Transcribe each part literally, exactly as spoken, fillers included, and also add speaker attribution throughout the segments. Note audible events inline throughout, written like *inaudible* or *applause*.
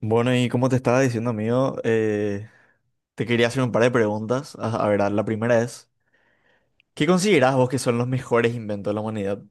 Speaker 1: Bueno, y como te estaba diciendo, amigo, eh, te quería hacer un par de preguntas. A, a ver, la primera es, ¿qué considerás vos que son los mejores inventos de la humanidad?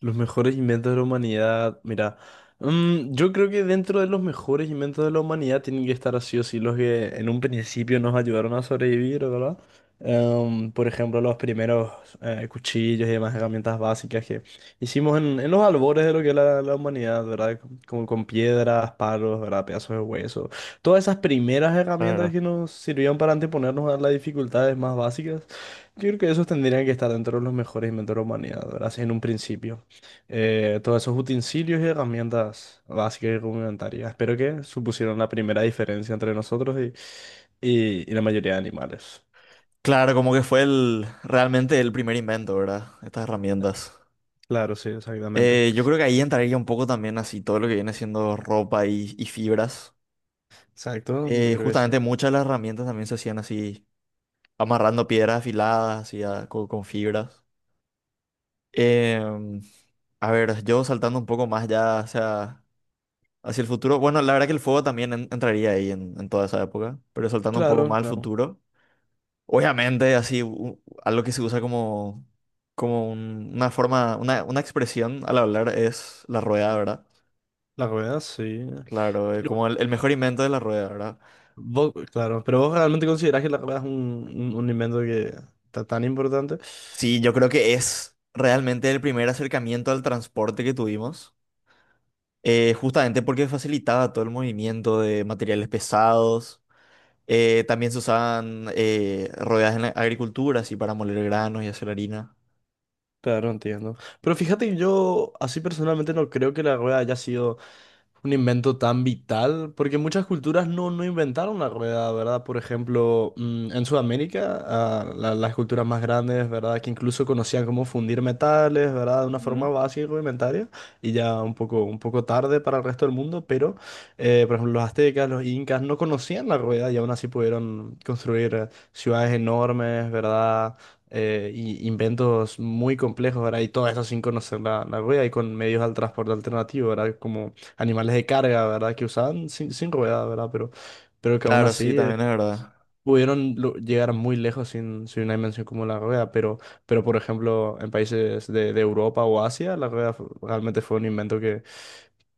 Speaker 2: Los mejores inventos de la humanidad. Mira, mm, yo creo que dentro de los mejores inventos de la humanidad tienen que estar así o sí los que en un principio nos ayudaron a sobrevivir, ¿verdad? Em, por ejemplo, los primeros eh, cuchillos y demás herramientas básicas que hicimos en, en los albores de lo que es la, la humanidad, ¿verdad? Como con piedras, palos, ¿verdad? Pedazos de hueso. Todas esas primeras herramientas
Speaker 1: Claro.
Speaker 2: que nos sirvieron para anteponernos a las dificultades más básicas. Yo creo que esos tendrían que estar dentro de los mejores inventos de la humanidad, ¿verdad? Así en un principio eh, todos esos utensilios y herramientas básicas y rudimentarias. Espero que supusieron la primera diferencia entre nosotros y, y- y la mayoría de animales.
Speaker 1: Claro, como que fue el, realmente el primer invento, ¿verdad? Estas herramientas.
Speaker 2: Claro, sí, exactamente.
Speaker 1: Eh, yo creo que ahí entraría un poco también así todo lo que viene siendo ropa y, y fibras.
Speaker 2: Exacto, yo
Speaker 1: Eh,
Speaker 2: creo que sí.
Speaker 1: justamente muchas de las herramientas también se hacían así, amarrando piedras afiladas, así a- co- con, fibras. Em, a ver, yo saltando un poco más ya, o sea... hacia el futuro. Bueno, la verdad que el fuego también en- entraría ahí en, en toda esa época, pero saltando un poco
Speaker 2: Claro,
Speaker 1: más al
Speaker 2: claro.
Speaker 1: futuro. Obviamente, así, u- algo que se usa como, como un- una forma, una, una expresión al hablar es la rueda, ¿verdad?
Speaker 2: La rueda, sí.
Speaker 1: Claro, eh,
Speaker 2: Pero
Speaker 1: como el, el mejor invento de la rueda, ¿verdad?
Speaker 2: vos, claro, pero vos realmente considerás que la rueda es un, un, un invento que está tan importante.
Speaker 1: Sí, yo creo que es realmente el primer acercamiento al transporte que tuvimos, eh, justamente porque facilitaba todo el movimiento de materiales pesados. Eh, también se usaban eh, rodajas en la agricultura, así para moler granos y hacer harina.
Speaker 2: Claro, entiendo. Pero fíjate que yo así personalmente no creo que la rueda haya sido un invento tan vital, porque muchas culturas no, no inventaron la rueda, ¿verdad? Por ejemplo, mm, en Sudamérica, ah, la- las culturas más grandes, ¿verdad? Que incluso conocían cómo fundir metales, ¿verdad? De una forma
Speaker 1: Ujú.
Speaker 2: básica y rudimentaria, y ya un poco, un poco tarde para el resto del mundo, pero, eh, por ejemplo, los aztecas, los incas no conocían la rueda y aún así pudieron construir eh, ciudades enormes, ¿verdad? Eh, y inventos muy complejos, ¿verdad? Y todo eso sin conocer la, la rueda y con medios de transporte alternativo, ¿verdad? Como animales de carga, ¿verdad? Que usaban sin, sin ruedas, ¿verdad? Pero, pero que aún
Speaker 1: Claro, sí,
Speaker 2: así eh,
Speaker 1: también es verdad.
Speaker 2: pudieron lo- llegar muy lejos sin, sin una dimensión como la rueda. Pero, pero por ejemplo, en países de, de Europa o Asia, la rueda fu- realmente fue un invento que,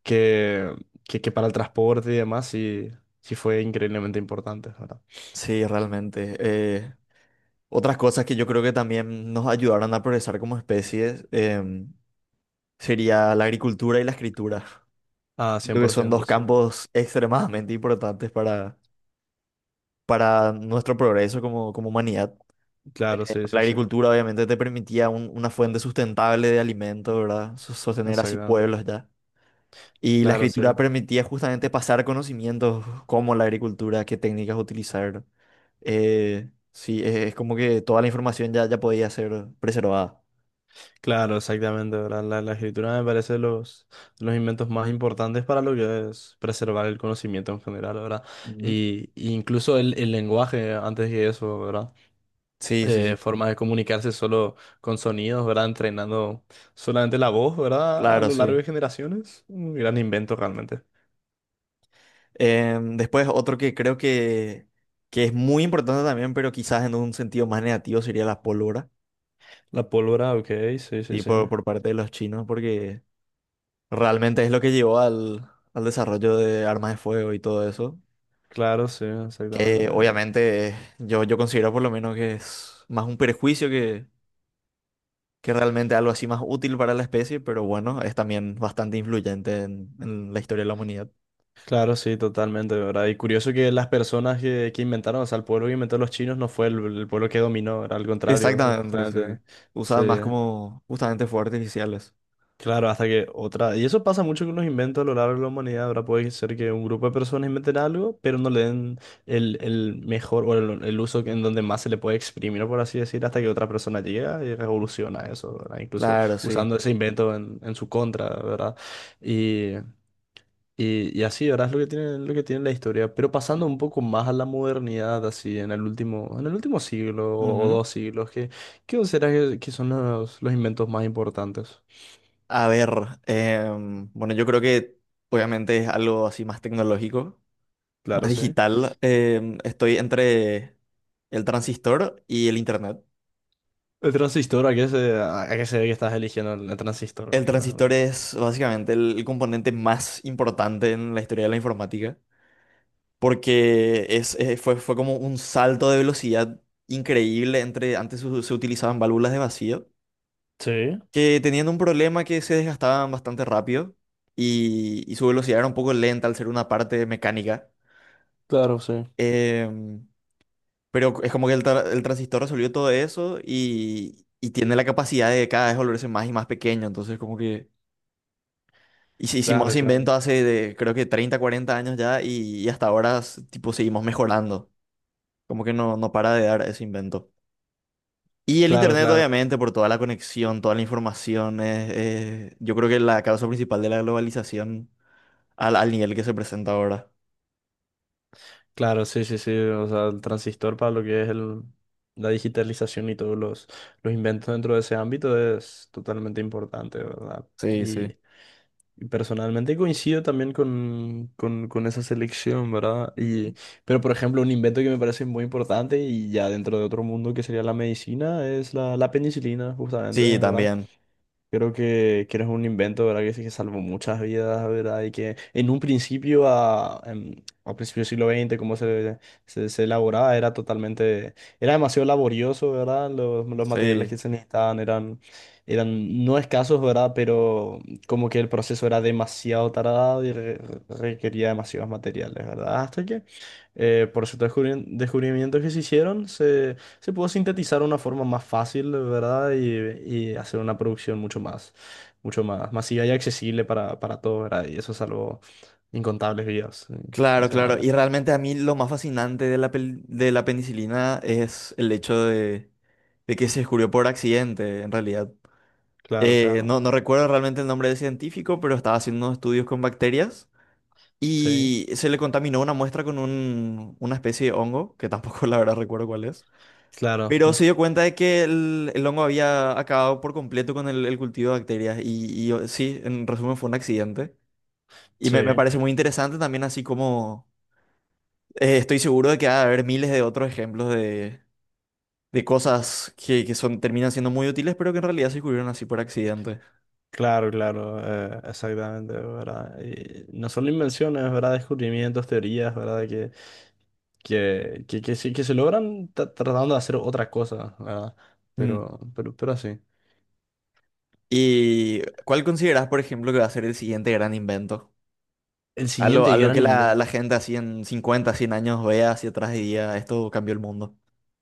Speaker 2: que, que, que para el transporte y demás sí, sí fue increíblemente importante, ¿verdad?
Speaker 1: Sí, realmente. Eh, otras cosas que yo creo que también nos ayudaron a progresar como especies em, sería la agricultura y la escritura.
Speaker 2: Ah, cien
Speaker 1: Creo que
Speaker 2: por
Speaker 1: son
Speaker 2: ciento
Speaker 1: dos
Speaker 2: sí.
Speaker 1: campos extremadamente importantes para, para nuestro progreso como, como humanidad. Eh,
Speaker 2: Claro, sí,
Speaker 1: la
Speaker 2: sí, sí.
Speaker 1: agricultura obviamente te permitía un- una fuente sustentable de alimento, ¿verdad? Sos- Sostener así
Speaker 2: Exactamente.
Speaker 1: pueblos ya. Y la
Speaker 2: Claro, sí.
Speaker 1: escritura permitía justamente pasar conocimientos como la agricultura, qué técnicas utilizar. Eh, sí, es, es como que toda la información ya, ya podía ser preservada.
Speaker 2: Claro, exactamente, ¿verdad? La, la escritura me parece los, los inventos más importantes para lo que es preservar el conocimiento en general, ¿verdad?
Speaker 1: Ujú.
Speaker 2: Y, y incluso el, el lenguaje, antes que eso, ¿verdad?
Speaker 1: Sí, sí, sí.
Speaker 2: Eh, formas de comunicarse solo con sonidos, ¿verdad? Entrenando solamente la voz, ¿verdad? A
Speaker 1: Claro,
Speaker 2: lo largo
Speaker 1: sí.
Speaker 2: de generaciones. Un gran invento realmente.
Speaker 1: Em, después otro que creo que, que es muy importante también, pero quizás en un sentido más negativo sería la pólvora,
Speaker 2: La pólvora, ok, sí, sí,
Speaker 1: sí,
Speaker 2: sí.
Speaker 1: por, por parte de los chinos, porque realmente es lo que llevó al, al desarrollo de armas de fuego y todo eso.
Speaker 2: Claro, sí,
Speaker 1: Que
Speaker 2: exactamente.
Speaker 1: obviamente eh, yo, yo considero por lo menos que es más un prejuicio que, que realmente algo así más útil para la especie, pero bueno, es también bastante influyente en, en la historia de la humanidad.
Speaker 2: Claro, sí, totalmente, ¿verdad? Y curioso que las personas que, que inventaron, o sea, el pueblo que inventó los chinos no fue el, el pueblo que dominó, era al contrario,
Speaker 1: Exactamente,
Speaker 2: justamente.
Speaker 1: sí.
Speaker 2: Sí,
Speaker 1: Usaban más como justamente fuegos artificiales.
Speaker 2: claro, hasta que otra. Y eso pasa mucho con los inventos a lo largo de la humanidad, ¿verdad? Puede ser que un grupo de personas inventen algo, pero no le den el, el mejor o el, el uso que- en donde más se le puede exprimir, por así decir, hasta que otra persona llega y revoluciona eso, ¿verdad? Incluso
Speaker 1: Claro, sí.
Speaker 2: usando ese invento en, en su contra, ¿verdad? Y, y así, ¿verdad? Es lo que tiene, lo que tiene la historia. Pero pasando un poco más a la modernidad, así, en el último, en el último siglo o
Speaker 1: Ujú.
Speaker 2: dos siglos, ¿qué, qué consideras que, que son los, los inventos más importantes?
Speaker 1: A ver, em, bueno, yo creo que obviamente es algo así más tecnológico, más
Speaker 2: Claro, sí.
Speaker 1: digital. Em, estoy entre el transistor y el internet.
Speaker 2: El transistor, ¿a qué se, a a qué se ve que estás eligiendo el, el
Speaker 1: El
Speaker 2: transistor, por
Speaker 1: transistor
Speaker 2: ejemplo?
Speaker 1: es básicamente el, el componente más importante en la historia de la informática, porque es, eh, fue, fue como un salto de velocidad increíble. Entre antes se, se utilizaban válvulas de vacío,
Speaker 2: Sí,
Speaker 1: que tenían un problema que se desgastaban bastante rápido y, y su velocidad era un poco lenta al ser una parte mecánica.
Speaker 2: claro, sí.
Speaker 1: Em, pero es como que el, tra- el transistor resolvió todo eso y, y tiene la capacidad de cada vez volverse más y más pequeño, entonces como que... Y si hicimos
Speaker 2: Claro,
Speaker 1: ese
Speaker 2: claro.
Speaker 1: invento hace de, creo que treinta cuarenta años ya y, y hasta ahora s- tipo seguimos mejorando. Como que no, no para de dar ese invento. Y el
Speaker 2: Claro,
Speaker 1: internet
Speaker 2: claro.
Speaker 1: obviamente por toda la conexión, toda la información, es- es- yo creo que la causa principal de la globalización al, al nivel que se presenta ahora.
Speaker 2: Claro, sí, sí, sí. O sea, el transistor para lo que es el, la digitalización y todos los, los inventos dentro de ese ámbito es totalmente importante, ¿verdad?
Speaker 1: Sí, sí.
Speaker 2: y Y personalmente coincido también con, con, con esa selección, ¿verdad? Y,
Speaker 1: Ujú.
Speaker 2: pero, por ejemplo, un invento que me parece muy importante y ya dentro de otro mundo que sería la medicina es la, la penicilina, justamente,
Speaker 1: Sí,
Speaker 2: ¿verdad?
Speaker 1: también.
Speaker 2: Creo que, que eres un invento, ¿verdad? Que, sí que salvó muchas vidas, ¿verdad? Y que en un principio, a, em, a principios del siglo veinte, como se, se, se elaboraba, era totalmente, era demasiado laborioso, ¿verdad? Los, los materiales
Speaker 1: Sí.
Speaker 2: que se necesitaban eran, eran no escasos, ¿verdad? Pero como que el proceso era demasiado tardado y re- requería demasiados materiales, ¿verdad? Hasta que eh, por ciertos descubri- descubrimientos que se hicieron, se pudo sintetizar de una forma más fácil, ¿verdad? Y, y hacer una producción mucho más, mucho más masiva y accesible para, para todos, ¿verdad? Y eso salvó incontables vidas, sí,
Speaker 1: Claro, claro.
Speaker 2: sinceramente.
Speaker 1: Y realmente a mí lo más fascinante de la, pel- de la penicilina es el hecho de, de que se descubrió por accidente, en realidad.
Speaker 2: Claro,
Speaker 1: Eh,
Speaker 2: claro.
Speaker 1: no, no recuerdo realmente el nombre del científico, pero estaba haciendo unos estudios con bacterias
Speaker 2: Sí,
Speaker 1: y se le contaminó una muestra con un- una especie de hongo, que tampoco *laughs* la verdad recuerdo cuál es.
Speaker 2: claro.
Speaker 1: Pero
Speaker 2: Mm,
Speaker 1: se dio cuenta de que el, el hongo había acabado por completo con el, el cultivo de bacterias y, y, o- sí, en resumen fue un accidente. Y
Speaker 2: sí,
Speaker 1: me, me parece muy interesante también así como eh, estoy seguro de que va a haber miles de otros ejemplos de, de cosas que, que son, terminan siendo muy útiles, pero que en realidad se descubrieron así por accidente.
Speaker 2: claro, claro. eh, exactamente, ¿verdad? Y no solo invenciones, ¿verdad? Descubrimientos, teorías, ¿verdad? Que, que, que, que, sí- que se logran tra- tratando de hacer otra cosa, ¿verdad? Pero, pero, pero así.
Speaker 1: ¿Y cuál consideras, por ejemplo, que va a ser el siguiente gran invento?
Speaker 2: El
Speaker 1: Algo,
Speaker 2: siguiente
Speaker 1: algo que
Speaker 2: gran
Speaker 1: la, la
Speaker 2: invento.
Speaker 1: gente así en cincuenta, cien años vea hacia atrás y diga, esto cambió el mundo.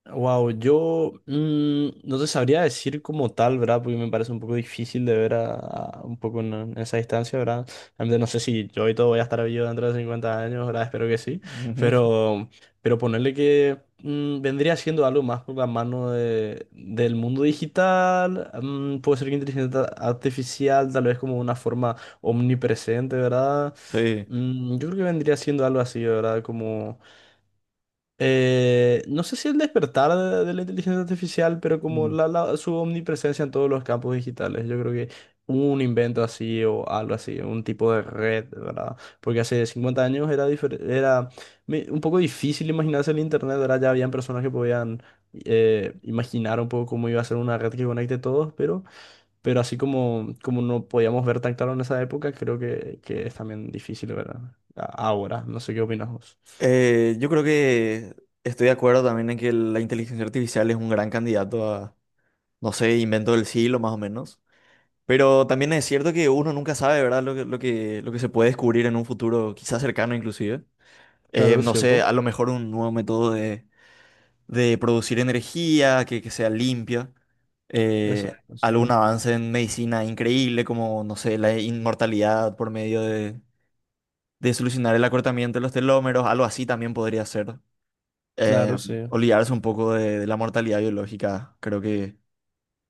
Speaker 2: Wow, yo, mm, no te sabría decir como tal, ¿verdad? Porque me parece un poco difícil de ver a, a- un poco en, en esa distancia, ¿verdad? Realmente no sé si yo y todo voy a estar vivo dentro de cincuenta años, ¿verdad? Espero que sí.
Speaker 1: Ujú.
Speaker 2: Pero, pero ponerle que mm, vendría siendo algo más por la mano de- del mundo digital, mm, puede ser que inteligencia artificial, tal vez como una forma omnipresente, ¿verdad?
Speaker 1: Sí.
Speaker 2: Mm, yo creo que vendría siendo algo así, ¿verdad? Como... Eh, no sé si el despertar de, de la inteligencia artificial, pero como
Speaker 1: Mm.
Speaker 2: la, la- su omnipresencia en todos los campos digitales, yo creo que un invento así o algo así, un tipo de red, ¿verdad? Porque hace cincuenta años era, difer- era me- un poco difícil imaginarse el Internet, ¿verdad? Ya habían personas que podían eh, imaginar un poco cómo iba a ser una red que conecte todos, pero, pero, así como, como no podíamos ver tan claro en esa época, creo que, que es también difícil, ¿verdad? A- Ahora, no sé qué opinas vos.
Speaker 1: Eh, yo creo que estoy de acuerdo también en que la inteligencia artificial es un gran candidato a, no sé, invento del siglo más o menos. Pero también es cierto que uno nunca sabe, ¿verdad? Lo que, lo que, lo que se puede descubrir en un futuro quizás cercano inclusive. Eh,
Speaker 2: Claro, es
Speaker 1: no sé,
Speaker 2: cierto.
Speaker 1: a lo mejor un nuevo método de. De producir energía que, que sea limpia, eh,
Speaker 2: Exacto, sí.
Speaker 1: algún avance en medicina increíble como, no sé, la inmortalidad por medio de, de solucionar el acortamiento de los telómeros, algo así también podría ser. Eh,
Speaker 2: Claro, sí.
Speaker 1: olvidarse un poco de, de la mortalidad biológica, creo que,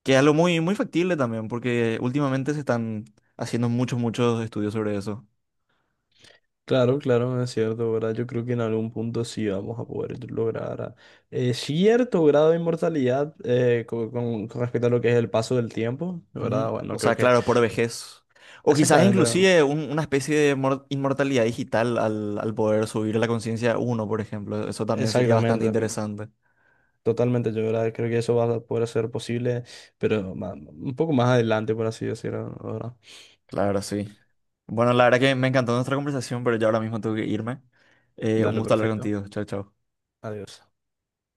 Speaker 1: que es algo muy, muy factible también, porque últimamente se están haciendo muchos, muchos estudios sobre eso.
Speaker 2: Claro, claro, es cierto, ¿verdad? Yo creo que en algún punto sí vamos a poder lograr ah, eh, cierto grado de inmortalidad eh, co- con, con respecto a lo que es el paso del tiempo,
Speaker 1: Ujú.
Speaker 2: ¿verdad?
Speaker 1: O
Speaker 2: Bueno, creo
Speaker 1: sea,
Speaker 2: que
Speaker 1: claro, por vejez. O quizás
Speaker 2: exactamente,
Speaker 1: inclusive un- una especie de mor- inmortalidad digital al, al poder subir la conciencia a uno, por ejemplo. Eso también sería bastante
Speaker 2: exactamente,
Speaker 1: interesante.
Speaker 2: totalmente, yo, ¿verdad?, creo que eso va a poder ser posible, pero ma- un poco más adelante, por así decirlo, ¿verdad?
Speaker 1: Claro, sí. Bueno, la verdad que me encantó nuestra conversación, pero ya ahora mismo tengo que irme. Eh, un
Speaker 2: Dale,
Speaker 1: gusto hablar
Speaker 2: perfecto.
Speaker 1: contigo. Chao, chao.
Speaker 2: Adiós.